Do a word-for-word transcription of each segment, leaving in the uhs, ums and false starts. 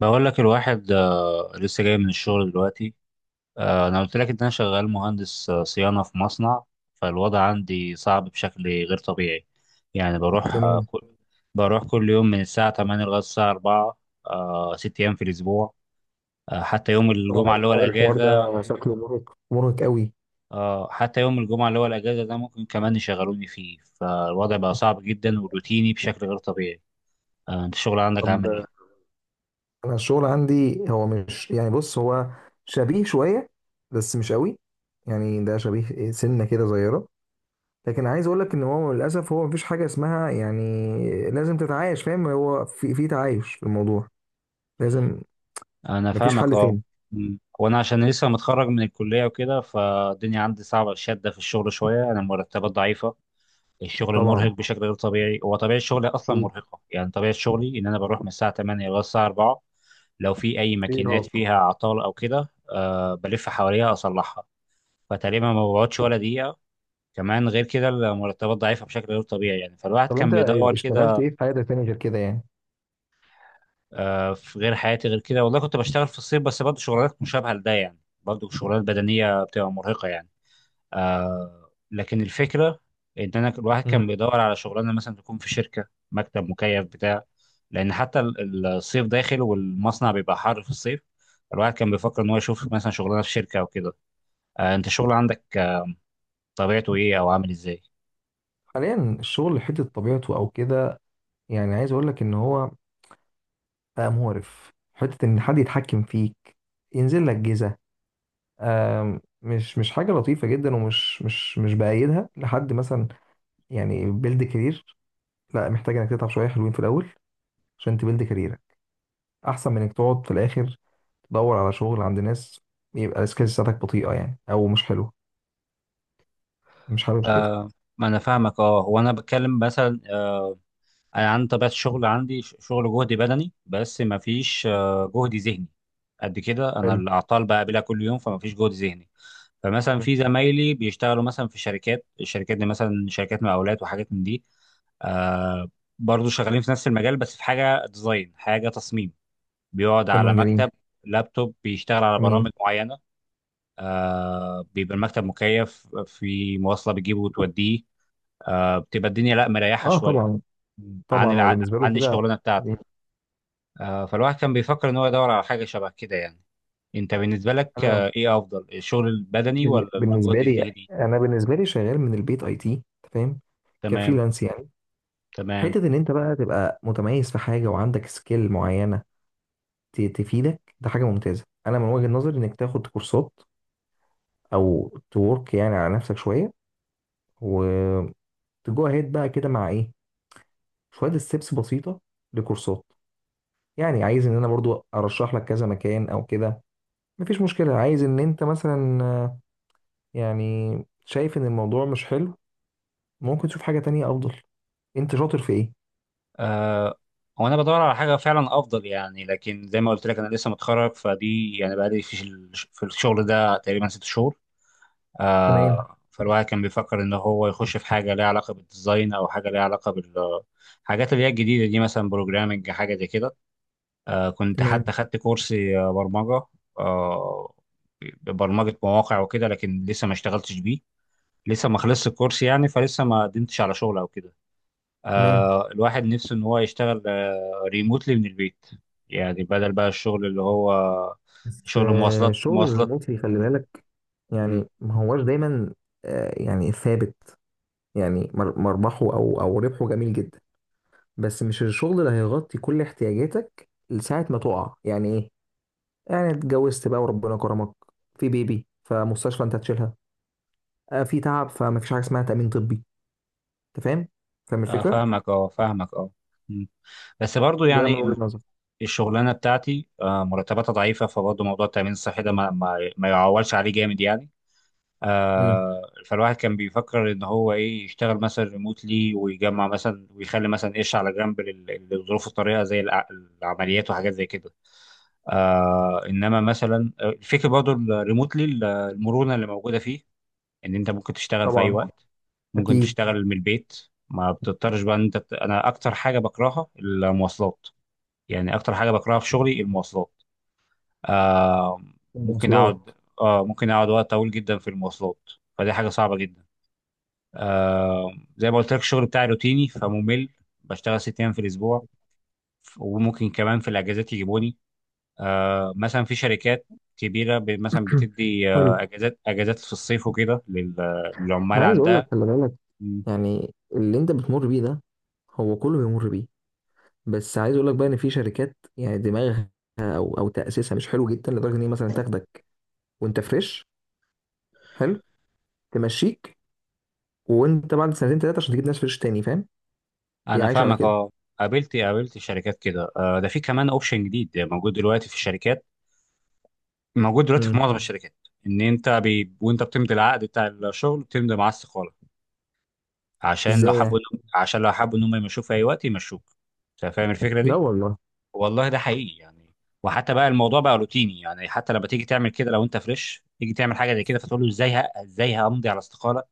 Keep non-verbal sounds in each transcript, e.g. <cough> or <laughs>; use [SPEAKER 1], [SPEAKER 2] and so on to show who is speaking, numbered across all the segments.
[SPEAKER 1] بقول لك الواحد آه، لسه جاي من الشغل دلوقتي. آه، انا قلت لك ان انا شغال مهندس آه، صيانه في مصنع. فالوضع عندي صعب بشكل غير طبيعي. يعني بروح آه،
[SPEAKER 2] جميل.
[SPEAKER 1] كل بروح كل يوم من الساعه تمانية لغايه الساعه الرابعه. آه، ست ايام في الاسبوع. آه، حتى يوم
[SPEAKER 2] طبعا
[SPEAKER 1] الجمعه اللي هو
[SPEAKER 2] الحوار الحوار
[SPEAKER 1] الاجازه
[SPEAKER 2] ده شكله مرهق مرهق قوي.
[SPEAKER 1] آه، حتى يوم الجمعه اللي هو الاجازه ده ممكن كمان يشغلوني فيه. فالوضع بقى صعب جدا وروتيني بشكل غير طبيعي. آه، انت الشغل عندك عامل ايه؟
[SPEAKER 2] طب، انا الشغل عندي هو مش، يعني بص، هو شبيه شويه بس مش قوي. يعني ده شبيه سنه كده صغيره. لكن عايز اقول لك ان هو للاسف، هو مفيش حاجه اسمها، يعني. لازم تتعايش، فاهم؟ هو في في تعايش في الموضوع، لازم.
[SPEAKER 1] انا
[SPEAKER 2] مفيش
[SPEAKER 1] فاهمك
[SPEAKER 2] حل
[SPEAKER 1] اه.
[SPEAKER 2] تاني.
[SPEAKER 1] مم. وانا عشان لسه متخرج من الكليه وكده فالدنيا عندي صعبه، شاده في الشغل شويه، انا المرتبات ضعيفه. الشغل مرهق
[SPEAKER 2] طبعا،
[SPEAKER 1] بشكل غير طبيعي، هو طبيعه شغلي اصلا
[SPEAKER 2] اكيد
[SPEAKER 1] مرهقه. يعني طبيعه شغلي ان انا بروح من الساعه تمانية لغايه الساعه الرابعه. لو في اي
[SPEAKER 2] في
[SPEAKER 1] ماكينات
[SPEAKER 2] إرهاق.
[SPEAKER 1] فيها اعطال او كده أه بلف حواليها اصلحها. فتقريبا ما بقعدش ولا دقيقه. كمان غير كده المرتبات ضعيفه بشكل غير طبيعي يعني، فالواحد
[SPEAKER 2] طب
[SPEAKER 1] كان
[SPEAKER 2] انت
[SPEAKER 1] بيدور
[SPEAKER 2] اشتغلت
[SPEAKER 1] كده.
[SPEAKER 2] ايه في حياتك تاني غير كده، يعني؟
[SPEAKER 1] آه، في غير حياتي غير كده والله كنت بشتغل في الصيف، بس برضه شغلانات مشابهة لده يعني. برضه شغلانات بدنية بتبقى مرهقة يعني. آه لكن الفكرة إن أنا الواحد كان
[SPEAKER 2] مم.
[SPEAKER 1] بيدور على شغلانة مثلا تكون في شركة، مكتب مكيف بتاع. لأن حتى ال- الصيف داخل والمصنع بيبقى حر في الصيف. الواحد كان بيفكر إن هو يشوف مثلا شغلانة في شركة أو كده. آه أنت الشغل عندك آه، طبيعته إيه أو عامل إزاي؟
[SPEAKER 2] حاليا الشغل حته طبيعته او كده. يعني عايز اقول لك ان هو بقى مقرف، حتة إن حد يتحكم فيك، ينزل لك جيزة. آم، مش مش حاجة لطيفة جدا، ومش مش مش بأيدها لحد مثلا. يعني بيلد كارير، لا، محتاج إنك تتعب شوية حلوين في الأول عشان تبيلد كاريرك، أحسن من إنك تقعد في الآخر تدور على شغل عند ناس، يبقى السكيلز بتاعتك بطيئة يعني أو مش حلوة. مش حابب كده.
[SPEAKER 1] آه ما أنا فاهمك أه. هو أنا بتكلم مثلا، انا عندي طبيعه الشغل عندي ش- شغل جهدي بدني بس ما فيش آه، جهد ذهني. قد كده انا
[SPEAKER 2] حلو.
[SPEAKER 1] الاعطال بقابلها كل يوم، فما فيش جهد ذهني. فمثلا
[SPEAKER 2] م.
[SPEAKER 1] في زمايلي بيشتغلوا مثلا في شركات، الشركات دي مثلا شركات مقاولات وحاجات من دي. آه برضه شغالين في نفس المجال بس في حاجه ديزاين، حاجه تصميم. بيقعد على
[SPEAKER 2] تمام. جميل.
[SPEAKER 1] مكتب، لابتوب، بيشتغل على
[SPEAKER 2] جميل،
[SPEAKER 1] برامج معينه. آه بيبقى المكتب مكيف، في مواصله بتجيبه وتوديه، آه بتبقى الدنيا لا، مريحه
[SPEAKER 2] اه،
[SPEAKER 1] شويه
[SPEAKER 2] طبعا.
[SPEAKER 1] عن
[SPEAKER 2] طبعا هو
[SPEAKER 1] الع...
[SPEAKER 2] بالنسبة له
[SPEAKER 1] عن
[SPEAKER 2] كده.
[SPEAKER 1] الشغلانه بتاعتي. آه، فالواحد كان بيفكر ان هو يدور على حاجه شبه كده يعني. انت بالنسبه لك
[SPEAKER 2] أنا،
[SPEAKER 1] آه، ايه افضل، الشغل البدني
[SPEAKER 2] بال-
[SPEAKER 1] ولا
[SPEAKER 2] بالنسبه
[SPEAKER 1] الجهد
[SPEAKER 2] لي،
[SPEAKER 1] الذهني؟
[SPEAKER 2] انا بالنسبه لي شغال من البيت، اي تي، فاهم؟
[SPEAKER 1] تمام.
[SPEAKER 2] كفريلانس يعني.
[SPEAKER 1] تمام.
[SPEAKER 2] حته ان انت بقى تبقى متميز في حاجه، وعندك سكيل معينه ت- تفيدك، ده حاجه ممتازه. انا من وجهه نظري انك تاخد كورسات، او تورك يعني على نفسك شويه، وتجو اهيد بقى كده مع ايه، شويه ستيبس بسيطه لكورسات. يعني عايز ان انا برضو ارشح لك كذا مكان او كده، مفيش مشكله. عايز ان انت مثلا، آه، يعني، شايف ان الموضوع مش حلو، ممكن تشوف حاجه تانية افضل. انت شاطر في ايه؟
[SPEAKER 1] آه هو انا بدور على حاجه فعلا افضل يعني، لكن زي ما قلت لك انا لسه متخرج فدي، يعني بقالي في ال- في الشغل ده تقريبا ست شهور.
[SPEAKER 2] تمام.
[SPEAKER 1] آه فالواحد كان بيفكر ان هو يخش في حاجه ليها علاقه بالديزاين او حاجه ليها علاقه بال، حاجات اللي هي الجديده دي مثلا بروجرامنج، حاجه زي كده. آه، كنت حتى
[SPEAKER 2] تمام.
[SPEAKER 1] خدت كورس آه، برمجة، آه، برمجة مواقع وكده، لكن لسه ما اشتغلتش بيه. لسه ما خلصت الكورس يعني، فلسه ما قدمتش على شغل او كده.
[SPEAKER 2] تمام.
[SPEAKER 1] آه، الواحد نفسه ان هو يشتغل ريموتلي من البيت. يعني بدل بقى الشغل اللي هو
[SPEAKER 2] بس،
[SPEAKER 1] شغل
[SPEAKER 2] آه،
[SPEAKER 1] مواصلات،
[SPEAKER 2] الشغل
[SPEAKER 1] مواصلات.
[SPEAKER 2] الريموتلي، خلي
[SPEAKER 1] م-
[SPEAKER 2] بالك.
[SPEAKER 1] م.
[SPEAKER 2] يعني ما هواش دايما، آه، يعني، ثابت. يعني مر- مربحه، او او ربحه جميل جدا. بس مش الشغل اللي هيغطي كل احتياجاتك لساعة ما تقع، يعني ايه. يعني اتجوزت بقى وربنا كرمك، في بيبي، فمستشفى انت هتشيلها. آه، في تعب، فما فيش حاجة اسمها تأمين طبي. انت فاهم؟ فاهم
[SPEAKER 1] آه،
[SPEAKER 2] الفكرة؟
[SPEAKER 1] فاهمك اه، فاهمك اه. م. بس برضو
[SPEAKER 2] ده من
[SPEAKER 1] يعني
[SPEAKER 2] وجهة
[SPEAKER 1] ال-
[SPEAKER 2] نظري.
[SPEAKER 1] الشغلانة بتاعتي آه، مرتباتها ضعيفة، فبرضه موضوع التأمين الصحي ده ما ما ما يعولش عليه جامد يعني.
[SPEAKER 2] امم
[SPEAKER 1] آه فالواحد كان بيفكر ان هو ايه، يشتغل مثلا ريموتلي ويجمع مثلا ويخلي مثلا قش على جنب لل- للظروف الطارئه زي الع- العمليات وحاجات زي كده. آه انما مثلا آه، الفكره برضه الريموتلي، المرونه اللي موجوده فيه، ان انت ممكن تشتغل في اي
[SPEAKER 2] طبعا،
[SPEAKER 1] وقت، ممكن
[SPEAKER 2] اكيد.
[SPEAKER 1] تشتغل من البيت، ما بتضطرش بقى ان انت بت... انا اكتر حاجه بكرهها المواصلات. يعني اكتر حاجه بكرهها في شغلي المواصلات. آه ممكن اقعد
[SPEAKER 2] المواصلات.
[SPEAKER 1] آه ممكن اقعد وقت طويل جدا في المواصلات، فدي حاجه صعبه جدا. آه زي ما قلت لك الشغل بتاعي روتيني فممل، بشتغل ست ايام في الاسبوع، وممكن كمان في الاجازات يجيبوني. آه مثلا في شركات كبيره ب- مثلا
[SPEAKER 2] <clears throat>
[SPEAKER 1] بتدي
[SPEAKER 2] حلو.
[SPEAKER 1] آه اجازات اجازات في الصيف وكده لل- للعمال
[SPEAKER 2] عايز اقول لك،
[SPEAKER 1] عندها.
[SPEAKER 2] خلي بالك.
[SPEAKER 1] م.
[SPEAKER 2] يعني اللي انت بتمر بيه ده، هو كله بيمر بيه. بس عايز اقول لك بقى، ان في شركات يعني دماغها او او تاسيسها مش حلو جدا، لدرجه ان هي مثلا تاخدك وانت فريش. حلو. تمشيك وانت بعد سنتين ثلاثه، عشان تجيب ناس فريش تاني، فاهم؟ هي
[SPEAKER 1] انا
[SPEAKER 2] عايشه على
[SPEAKER 1] فاهمك
[SPEAKER 2] كده.
[SPEAKER 1] اه. قابلت قابلت شركات كده. آه ده في كمان اوبشن جديد موجود دلوقتي في الشركات، موجود دلوقتي في
[SPEAKER 2] امم
[SPEAKER 1] معظم الشركات. ان انت بي... وانت بتمضي العقد بتاع الشغل بتمضي معاه استقاله، عشان لو
[SPEAKER 2] ازاي
[SPEAKER 1] حبوا
[SPEAKER 2] يعني؟
[SPEAKER 1] عشان لو حبوا ان هم يمشوك في اي وقت يمشوك. انت فاهم الفكره
[SPEAKER 2] لا
[SPEAKER 1] دي؟
[SPEAKER 2] والله.
[SPEAKER 1] والله ده حقيقي يعني. وحتى بقى الموضوع بقى روتيني يعني، حتى لما تيجي تعمل كده لو انت فريش تيجي تعمل حاجه زي كده فتقول له ازاي، ه- ازاي همضي على استقاله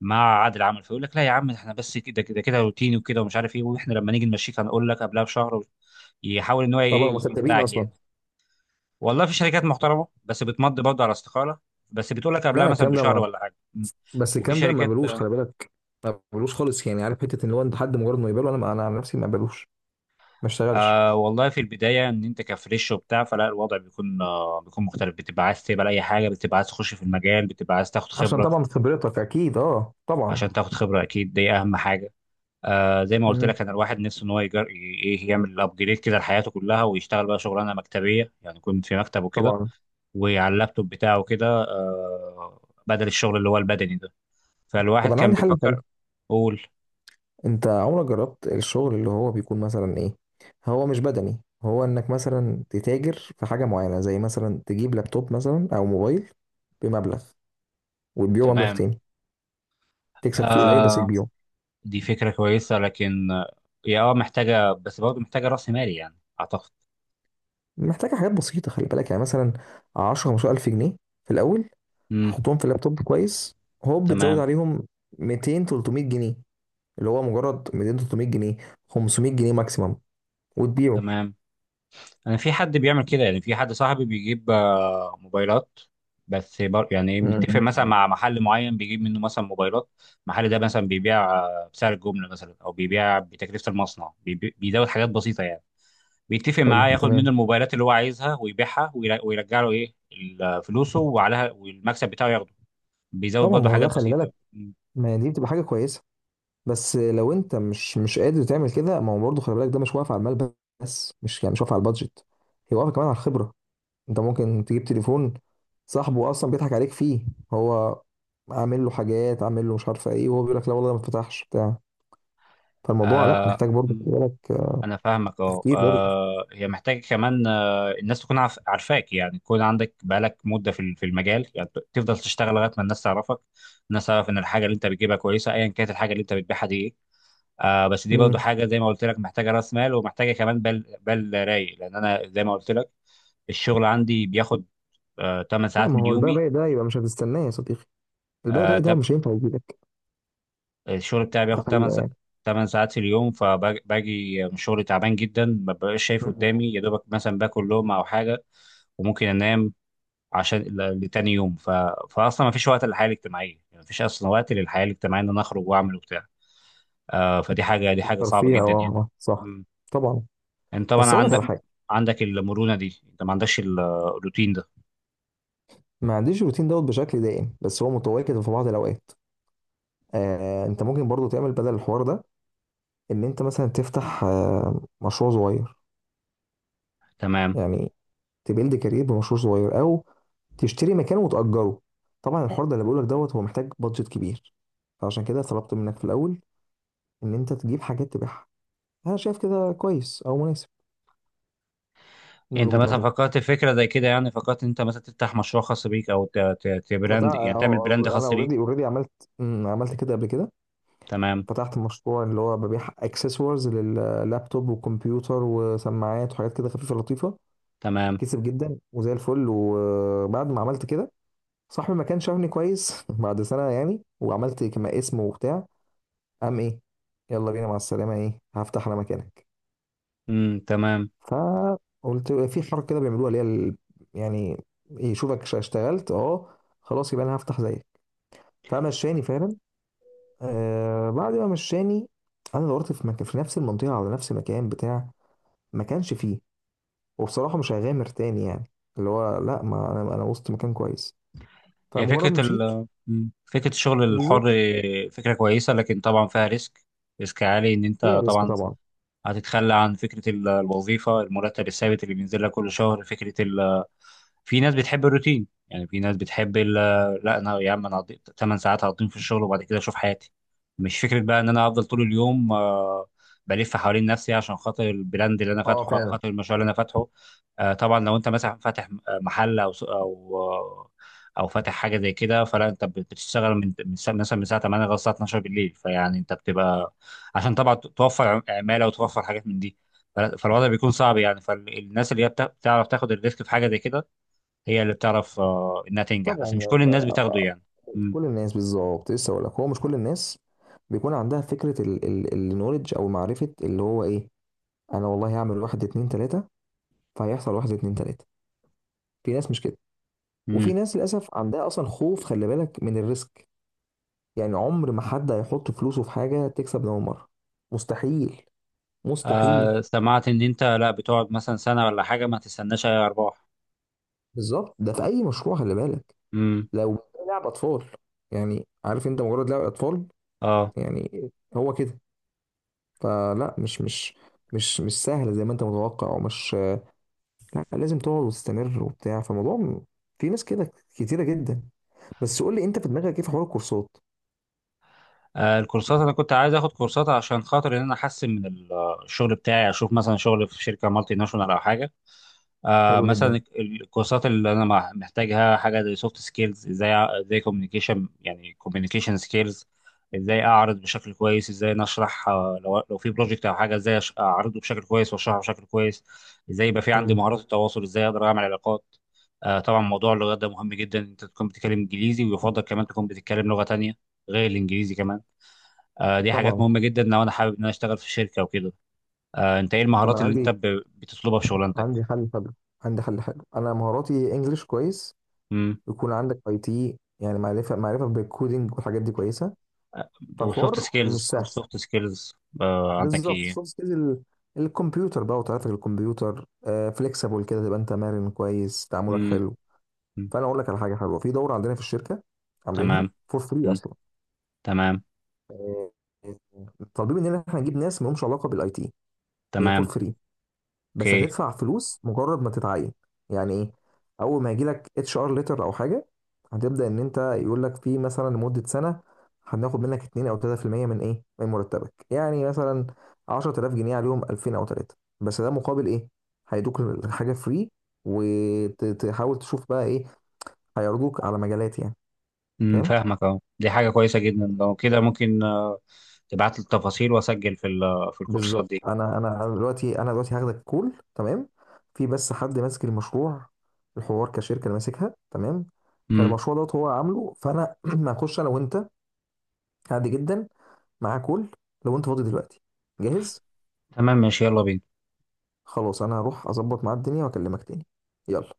[SPEAKER 1] مع عادل عمل، فيقول لك لا يا عم احنا بس كده كده كده روتيني وكده ومش عارف ايه، واحنا لما نيجي نمشيك هنقول لك قبلها بشهر و- يحاول ان هو
[SPEAKER 2] طبعا هم
[SPEAKER 1] ايه،
[SPEAKER 2] صدقين
[SPEAKER 1] يخدعك
[SPEAKER 2] اصلا.
[SPEAKER 1] يعني. والله في شركات محترمه بس بتمضي برضه على استقاله، بس بتقول لك قبلها
[SPEAKER 2] لا.
[SPEAKER 1] مثلا
[SPEAKER 2] الكلام ده
[SPEAKER 1] بشهر
[SPEAKER 2] ما
[SPEAKER 1] ولا حاجه. م.
[SPEAKER 2] بس
[SPEAKER 1] وفي
[SPEAKER 2] الكلام ده ما
[SPEAKER 1] شركات.
[SPEAKER 2] بلوش، خلي بالك. ما بلوش خالص، يعني عارف حته ان هو انت حد مجرد ما يقبله. انا انا عن نفسي ما بلوش، ما اشتغلش.
[SPEAKER 1] آه والله في البداية إن أنت كفريش وبتاع فلا الوضع بيكون، آه بيكون مختلف، بتبقى عايز تقبل أي حاجة، بتبقى عايز تخش في المجال، بتبقى عايز تاخد
[SPEAKER 2] عشان
[SPEAKER 1] خبرة
[SPEAKER 2] طبعا خبرتك، اكيد، اه، طبعا.
[SPEAKER 1] عشان تاخد خبرة. أكيد دي أهم حاجة. آه زي ما قلت
[SPEAKER 2] امم
[SPEAKER 1] لك أنا الواحد نفسه إن هو يجر... ي- إيه يعمل أبجريد كده لحياته كلها، ويشتغل بقى شغلانة مكتبية يعني يكون في مكتب وكده،
[SPEAKER 2] طبعا.
[SPEAKER 1] وعلى اللابتوب بتاعه كده. آه بدل الشغل اللي هو البدني ده.
[SPEAKER 2] طب
[SPEAKER 1] فالواحد
[SPEAKER 2] انا
[SPEAKER 1] كان
[SPEAKER 2] عندي حل تاني،
[SPEAKER 1] بيفكر. قول.
[SPEAKER 2] انت عمرك جربت الشغل اللي هو بيكون مثلا ايه، هو مش بدني، هو انك مثلا تتاجر في حاجة معينة، زي مثلا تجيب لابتوب مثلا او موبايل بمبلغ، وتبيعه مبلغ
[SPEAKER 1] تمام.
[SPEAKER 2] تاني، تكسب فيه قليل بس
[SPEAKER 1] آه
[SPEAKER 2] تبيعه.
[SPEAKER 1] دي فكرة كويسة، لكن آه، هي اه محتاجة، بس برضه محتاجة رأس مالي يعني أعتقد.
[SPEAKER 2] محتاجة حاجات بسيطة، خلي بالك يعني، مثلا عشرة خمستاشر ألف جنيه ألف جنيه في الأول.
[SPEAKER 1] امم.
[SPEAKER 2] هتحطهم في اللابتوب كويس، هوب بتزود
[SPEAKER 1] تمام.
[SPEAKER 2] عليهم ميتين تلتمية جنيه، اللي هو مجرد ميتين تلتمية جنيه، خمسمية جنيه ماكسيمم، وتبيعه.
[SPEAKER 1] تمام. أنا في حد بيعمل كده يعني، في حد صاحبي بيجيب آه، موبايلات، بس بر... يعني متفق
[SPEAKER 2] مم.
[SPEAKER 1] مثلا مع محل معين بيجيب منه مثلا موبايلات. المحل ده مثلا بيبيع آه، بسعر الجملة مثلا أو بيبيع بتكلفة المصنع، بيبي... بيزود حاجات بسيطة يعني. بيتفق
[SPEAKER 2] حلو،
[SPEAKER 1] معاه ياخد منه
[SPEAKER 2] تمام.
[SPEAKER 1] الموبايلات اللي هو عايزها ويبيعها وير- ويرجع له إيه ال- فلوسه وعليها، والمكسب بتاعه ياخده. بيزود
[SPEAKER 2] طبعا
[SPEAKER 1] برضه
[SPEAKER 2] ما هو ده
[SPEAKER 1] حاجات
[SPEAKER 2] خلي بالك،
[SPEAKER 1] بسيطة.
[SPEAKER 2] ما دي بتبقى حاجة كويسة. بس لو انت مش مش قادر تعمل كده، ما هو برضه خلي بالك، ده مش واقف على المال. بس مش يعني مش واقف على البادجت. هي واقفه كمان على الخبره. انت ممكن تجيب تليفون، صاحبه اصلا بيضحك عليك فيه، هو عامل له حاجات، عامل له مش عارفه ايه، وهو بيقول لك لا والله ده ما اتفتحش بتاع. فالموضوع لا
[SPEAKER 1] آه
[SPEAKER 2] محتاج برضه خلي
[SPEAKER 1] مم.
[SPEAKER 2] بالك، آه،
[SPEAKER 1] انا فاهمك اه.
[SPEAKER 2] تفكير برضه.
[SPEAKER 1] آه، هي محتاجه كمان آه الناس تكون عارف- عارفاك، يعني تكون عندك بقالك مده في ال- في المجال، يعني ت- تفضل تشتغل لغايه ما الناس تعرفك، الناس تعرف ان الحاجه اللي انت بتجيبها كويسه ايا كانت الحاجه اللي انت بتبيعها دي ايه. آه بس دي برضو
[SPEAKER 2] امم.
[SPEAKER 1] حاجه زي ما قلت لك محتاجه راس مال، ومحتاجه كمان بال بال رايق، لان انا زي ما قلت لك الشغل عندي بياخد آه تمانية
[SPEAKER 2] لا،
[SPEAKER 1] ساعات
[SPEAKER 2] ما
[SPEAKER 1] من
[SPEAKER 2] هو البال الرايق ده يبقى مش هتستناه، يا صديقي. البال الرايق ده
[SPEAKER 1] يومي.
[SPEAKER 2] مش هينفع يجيلك.
[SPEAKER 1] الشغل بتاعي
[SPEAKER 2] ده
[SPEAKER 1] بياخد
[SPEAKER 2] حقيقه
[SPEAKER 1] تمانية
[SPEAKER 2] يعني.
[SPEAKER 1] تمانية ساعات في اليوم، فباجي من الشغل تعبان جدا، ما ببقاش شايف
[SPEAKER 2] مم.
[SPEAKER 1] قدامي، يا دوبك مثلا باكل لقمة او حاجة وممكن انام عشان ل- لتاني يوم ف... فاصلا ما فيش وقت للحياة الاجتماعية يعني، ما فيش اصلا وقت للحياة الاجتماعية ان انا اخرج واعمل وبتاع. آه فدي حاجة دي حاجة صعبة
[SPEAKER 2] الترفيه، اه،
[SPEAKER 1] جدا يعني.
[SPEAKER 2] آه، صح.
[SPEAKER 1] مم.
[SPEAKER 2] طبعا.
[SPEAKER 1] انت طبعا
[SPEAKER 2] بس اقول لك
[SPEAKER 1] عندك،
[SPEAKER 2] على حاجه.
[SPEAKER 1] عندك المرونة دي، انت ما عندكش ال- الروتين ده.
[SPEAKER 2] ما عنديش الروتين دوت بشكل دائم، بس هو متواجد في بعض الاوقات. آه انت ممكن برضو تعمل بدل الحوار ده، ان انت مثلا تفتح آه مشروع صغير.
[SPEAKER 1] تمام.
[SPEAKER 2] يعني تبيلد كارير بمشروع صغير، او تشتري مكان وتأجره. طبعا الحوار ده اللي بقولك دوت، هو محتاج بادجت كبير. فعشان كده طلبت منك في الاول ان انت تجيب حاجات تبيعها. انا شايف كده كويس او مناسب، من
[SPEAKER 1] انت
[SPEAKER 2] وجهة
[SPEAKER 1] مثلا
[SPEAKER 2] نظري.
[SPEAKER 1] فكرت في فكرة زي كده؟ يعني فكرت انت مثلا تفتح مشروع خاص بيك، او ت... ت...
[SPEAKER 2] فتع-
[SPEAKER 1] تبراند،
[SPEAKER 2] اه،
[SPEAKER 1] يعني تعمل براند
[SPEAKER 2] آه، انا
[SPEAKER 1] خاص بيك.
[SPEAKER 2] اوريدي اوريدي عملت. مم، عملت كده قبل كده.
[SPEAKER 1] تمام.
[SPEAKER 2] فتحت مشروع اللي هو ببيع اكسسوارز لللابتوب وكمبيوتر وسماعات وحاجات كده خفيفه لطيفه.
[SPEAKER 1] تمام.
[SPEAKER 2] كسب جدا وزي الفل، وبعد ما عملت كده، صاحبي ما كانش شافني كويس <laughs> بعد سنه يعني، وعملت كما اسم وبتاع، قام ايه؟ يلا بينا مع السلامه، ايه؟ هفتح انا مكانك.
[SPEAKER 1] امم. تمام.
[SPEAKER 2] فقلت في حركه كده بيعملوها اللي هي ال- يعني، يشوفك ش- اشتغلت، اه، خلاص، يبقى انا هفتح زيك. فمشاني فعلا. آه بعد ما مشاني، انا دورت في مكان في نفس المنطقه، على نفس المكان بتاع. ما كانش فيه. وبصراحة مش هيغامر تاني، يعني اللي هو لا، ما انا انا وسط مكان كويس.
[SPEAKER 1] هي
[SPEAKER 2] فمجرد ما
[SPEAKER 1] فكرة
[SPEAKER 2] مشيت.
[SPEAKER 1] ال مم. فكرة الشغل الحر،
[SPEAKER 2] بالظبط،
[SPEAKER 1] فكرة كويسة، لكن طبعا فيها ريسك. ريسك عالي، ان انت
[SPEAKER 2] هي ريسك
[SPEAKER 1] طبعا
[SPEAKER 2] طبعا.
[SPEAKER 1] هتتخلى عن فكرة ال- الوظيفة، المرتب الثابت اللي بينزل لك كل شهر، فكرة ال في ناس بتحب الروتين، يعني في ناس بتحب ال- لا انا يا عم، انا تمانية ساعات هقضيهم في الشغل وبعد كده اشوف حياتي. مش فكره بقى ان انا افضل طول اليوم آه، بلف حوالين نفسي عشان خاطر البراند اللي انا
[SPEAKER 2] اه
[SPEAKER 1] فاتحه او
[SPEAKER 2] فعلا.
[SPEAKER 1] خاطر المشروع اللي انا فاتحه. آه، طبعا لو انت مثلا فاتح آه، محل او سوق- او آه، او فاتح حاجه زي كده، فلا انت بت- بتشتغل من من الساعة- مثلا من الساعه تمانية لغايه الساعه اتناشر بالليل، فيعني انت بتبقى عشان طبعا توفر عماله وتوفر حاجات من دي. فلا- فالوضع بيكون صعب يعني، فالناس اللي هي بتع- بتعرف تاخد الريسك في حاجه زي كده هي اللي بتعرف آه، انها تنجح،
[SPEAKER 2] طبعا،
[SPEAKER 1] بس مش
[SPEAKER 2] يعني
[SPEAKER 1] كل الناس
[SPEAKER 2] أنت-
[SPEAKER 1] بتاخده يعني.
[SPEAKER 2] مش
[SPEAKER 1] مم.
[SPEAKER 2] كل الناس، بالظبط. لسه اقول لك هو مش كل الناس بيكون عندها فكرة، النولج او معرفة، اللي هو ايه. انا والله هعمل واحد اتنين تلاتة، فهيحصل واحد اتنين تلاتة. في ناس مش كده. وفي
[SPEAKER 1] مم.
[SPEAKER 2] ناس للأسف عندها أصلا خوف، خلي بالك، من الريسك. يعني عمر ما حد هيحط فلوسه في حاجة تكسب من أول مرة. مستحيل.
[SPEAKER 1] آه
[SPEAKER 2] مستحيل.
[SPEAKER 1] سمعت ان انت لا بتقعد مثلا سنة ولا حاجة ما تستناش اي ارباح.
[SPEAKER 2] بالظبط، ده في اي مشروع خلي بالك.
[SPEAKER 1] مم.
[SPEAKER 2] لو لعب اطفال، يعني عارف، انت مجرد لعب اطفال.
[SPEAKER 1] اه.
[SPEAKER 2] يعني هو كده. فلا، مش مش مش مش سهل زي ما انت متوقع ومش. لا، لازم تقعد وتستمر وبتاع، فالموضوع م- في ناس كده كتيره جدا. بس قول لي، انت في دماغك ايه في حوار الكورسات؟
[SPEAKER 1] آه، الكورسات انا كنت عايز اخد كورسات عشان خاطر ان انا احسن من ال- آه، الشغل بتاعي، اشوف مثلا شغل في شركة مالتي ناشونال او حاجة. آه
[SPEAKER 2] حلو جدا.
[SPEAKER 1] مثلا الكورسات اللي انا مع- محتاجها، حاجه زي سوفت سكيلز، ازاي أع- ازاي كوميونيكيشن، يعني كوميونيكيشن سكيلز، ازاي اعرض بشكل كويس، ازاي نشرح، آه لو لو في بروجكت او حاجه ازاي أش- اعرضه بشكل كويس واشرحه بشكل كويس، ازاي يبقى في عندي
[SPEAKER 2] امم
[SPEAKER 1] مهارات التواصل، ازاي اقدر اعمل علاقات. آه طبعا موضوع اللغات ده مهم جدا، انت تكون بتتكلم انجليزي ويفضل كمان تكون بتتكلم لغه تانية غير الانجليزي كمان. آه دي حاجات
[SPEAKER 2] طبعا.
[SPEAKER 1] مهمه جدا لو انا حابب ان انا اشتغل في شركه وكده. آه انت ايه المهارات
[SPEAKER 2] طبعا.
[SPEAKER 1] اللي انت
[SPEAKER 2] عندي
[SPEAKER 1] ب- بتطلبها في شغلانتك؟
[SPEAKER 2] عندي حل حلو، عندي حل حلو، انا مهاراتي انجليش كويس، يكون عندك اي تي، يعني معرفه معرفه بالكودينج والحاجات دي كويسه.
[SPEAKER 1] وسوفت
[SPEAKER 2] فالحوار مش
[SPEAKER 1] سكيلز
[SPEAKER 2] سهل.
[SPEAKER 1] والسوفت سكيلز آه عندك
[SPEAKER 2] بالظبط،
[SPEAKER 1] ايه؟
[SPEAKER 2] سوفت سكيلز ال- الكمبيوتر بقى وطريقتك، الكمبيوتر، آه فليكسبل كده، تبقى انت مرن كويس، تعاملك
[SPEAKER 1] امم.
[SPEAKER 2] حلو. فانا اقول لك على حاجه حلوه، في دوره عندنا في الشركه، عاملينها
[SPEAKER 1] تمام.
[SPEAKER 2] فور فري
[SPEAKER 1] مم.
[SPEAKER 2] اصلا.
[SPEAKER 1] تمام.
[SPEAKER 2] آه، طالبين مننا ان احنا نجيب ناس ما لهمش علاقه بالاي تي. هي فور
[SPEAKER 1] تمام.
[SPEAKER 2] فري بس
[SPEAKER 1] اوكي.
[SPEAKER 2] هتدفع فلوس مجرد ما تتعين. يعني ايه؟ اول ما يجي لك اتش ار ليتر او حاجه، هتبدا ان انت، يقول لك في مثلا لمده سنه، هناخد منك اتنين او تلاتة في المية من ايه، من مرتبك يعني، مثلا عشرة آلاف جنيه عليهم الفين او ثلاثة، بس ده مقابل ايه. هيدوك الحاجه فري، وتحاول تشوف بقى ايه، هيعرضوك على مجالات يعني،
[SPEAKER 1] امم
[SPEAKER 2] فاهم.
[SPEAKER 1] فاهمك اهو، دي حاجه كويسه جدا، لو كده ممكن آه، تبعت لي التفاصيل واسجل في ال- آه، في الكورسات
[SPEAKER 2] بالظبط،
[SPEAKER 1] دي.
[SPEAKER 2] انا انا أنا دلوقتي، انا دلوقتي هاخدك كول، تمام. في بس حد ماسك المشروع، الحوار كشركه اللي ماسكها، تمام.
[SPEAKER 1] امم،
[SPEAKER 2] فالمشروع دوت هو عامله، فانا <clears throat> هخش انا وانت، عادي جدا، معاه كول. لو انت فاضي دلوقتي، جاهز.
[SPEAKER 1] تمام، ماشي، يلا بينا.
[SPEAKER 2] خلاص، انا هروح اظبط معاه الدنيا واكلمك تاني. يلا.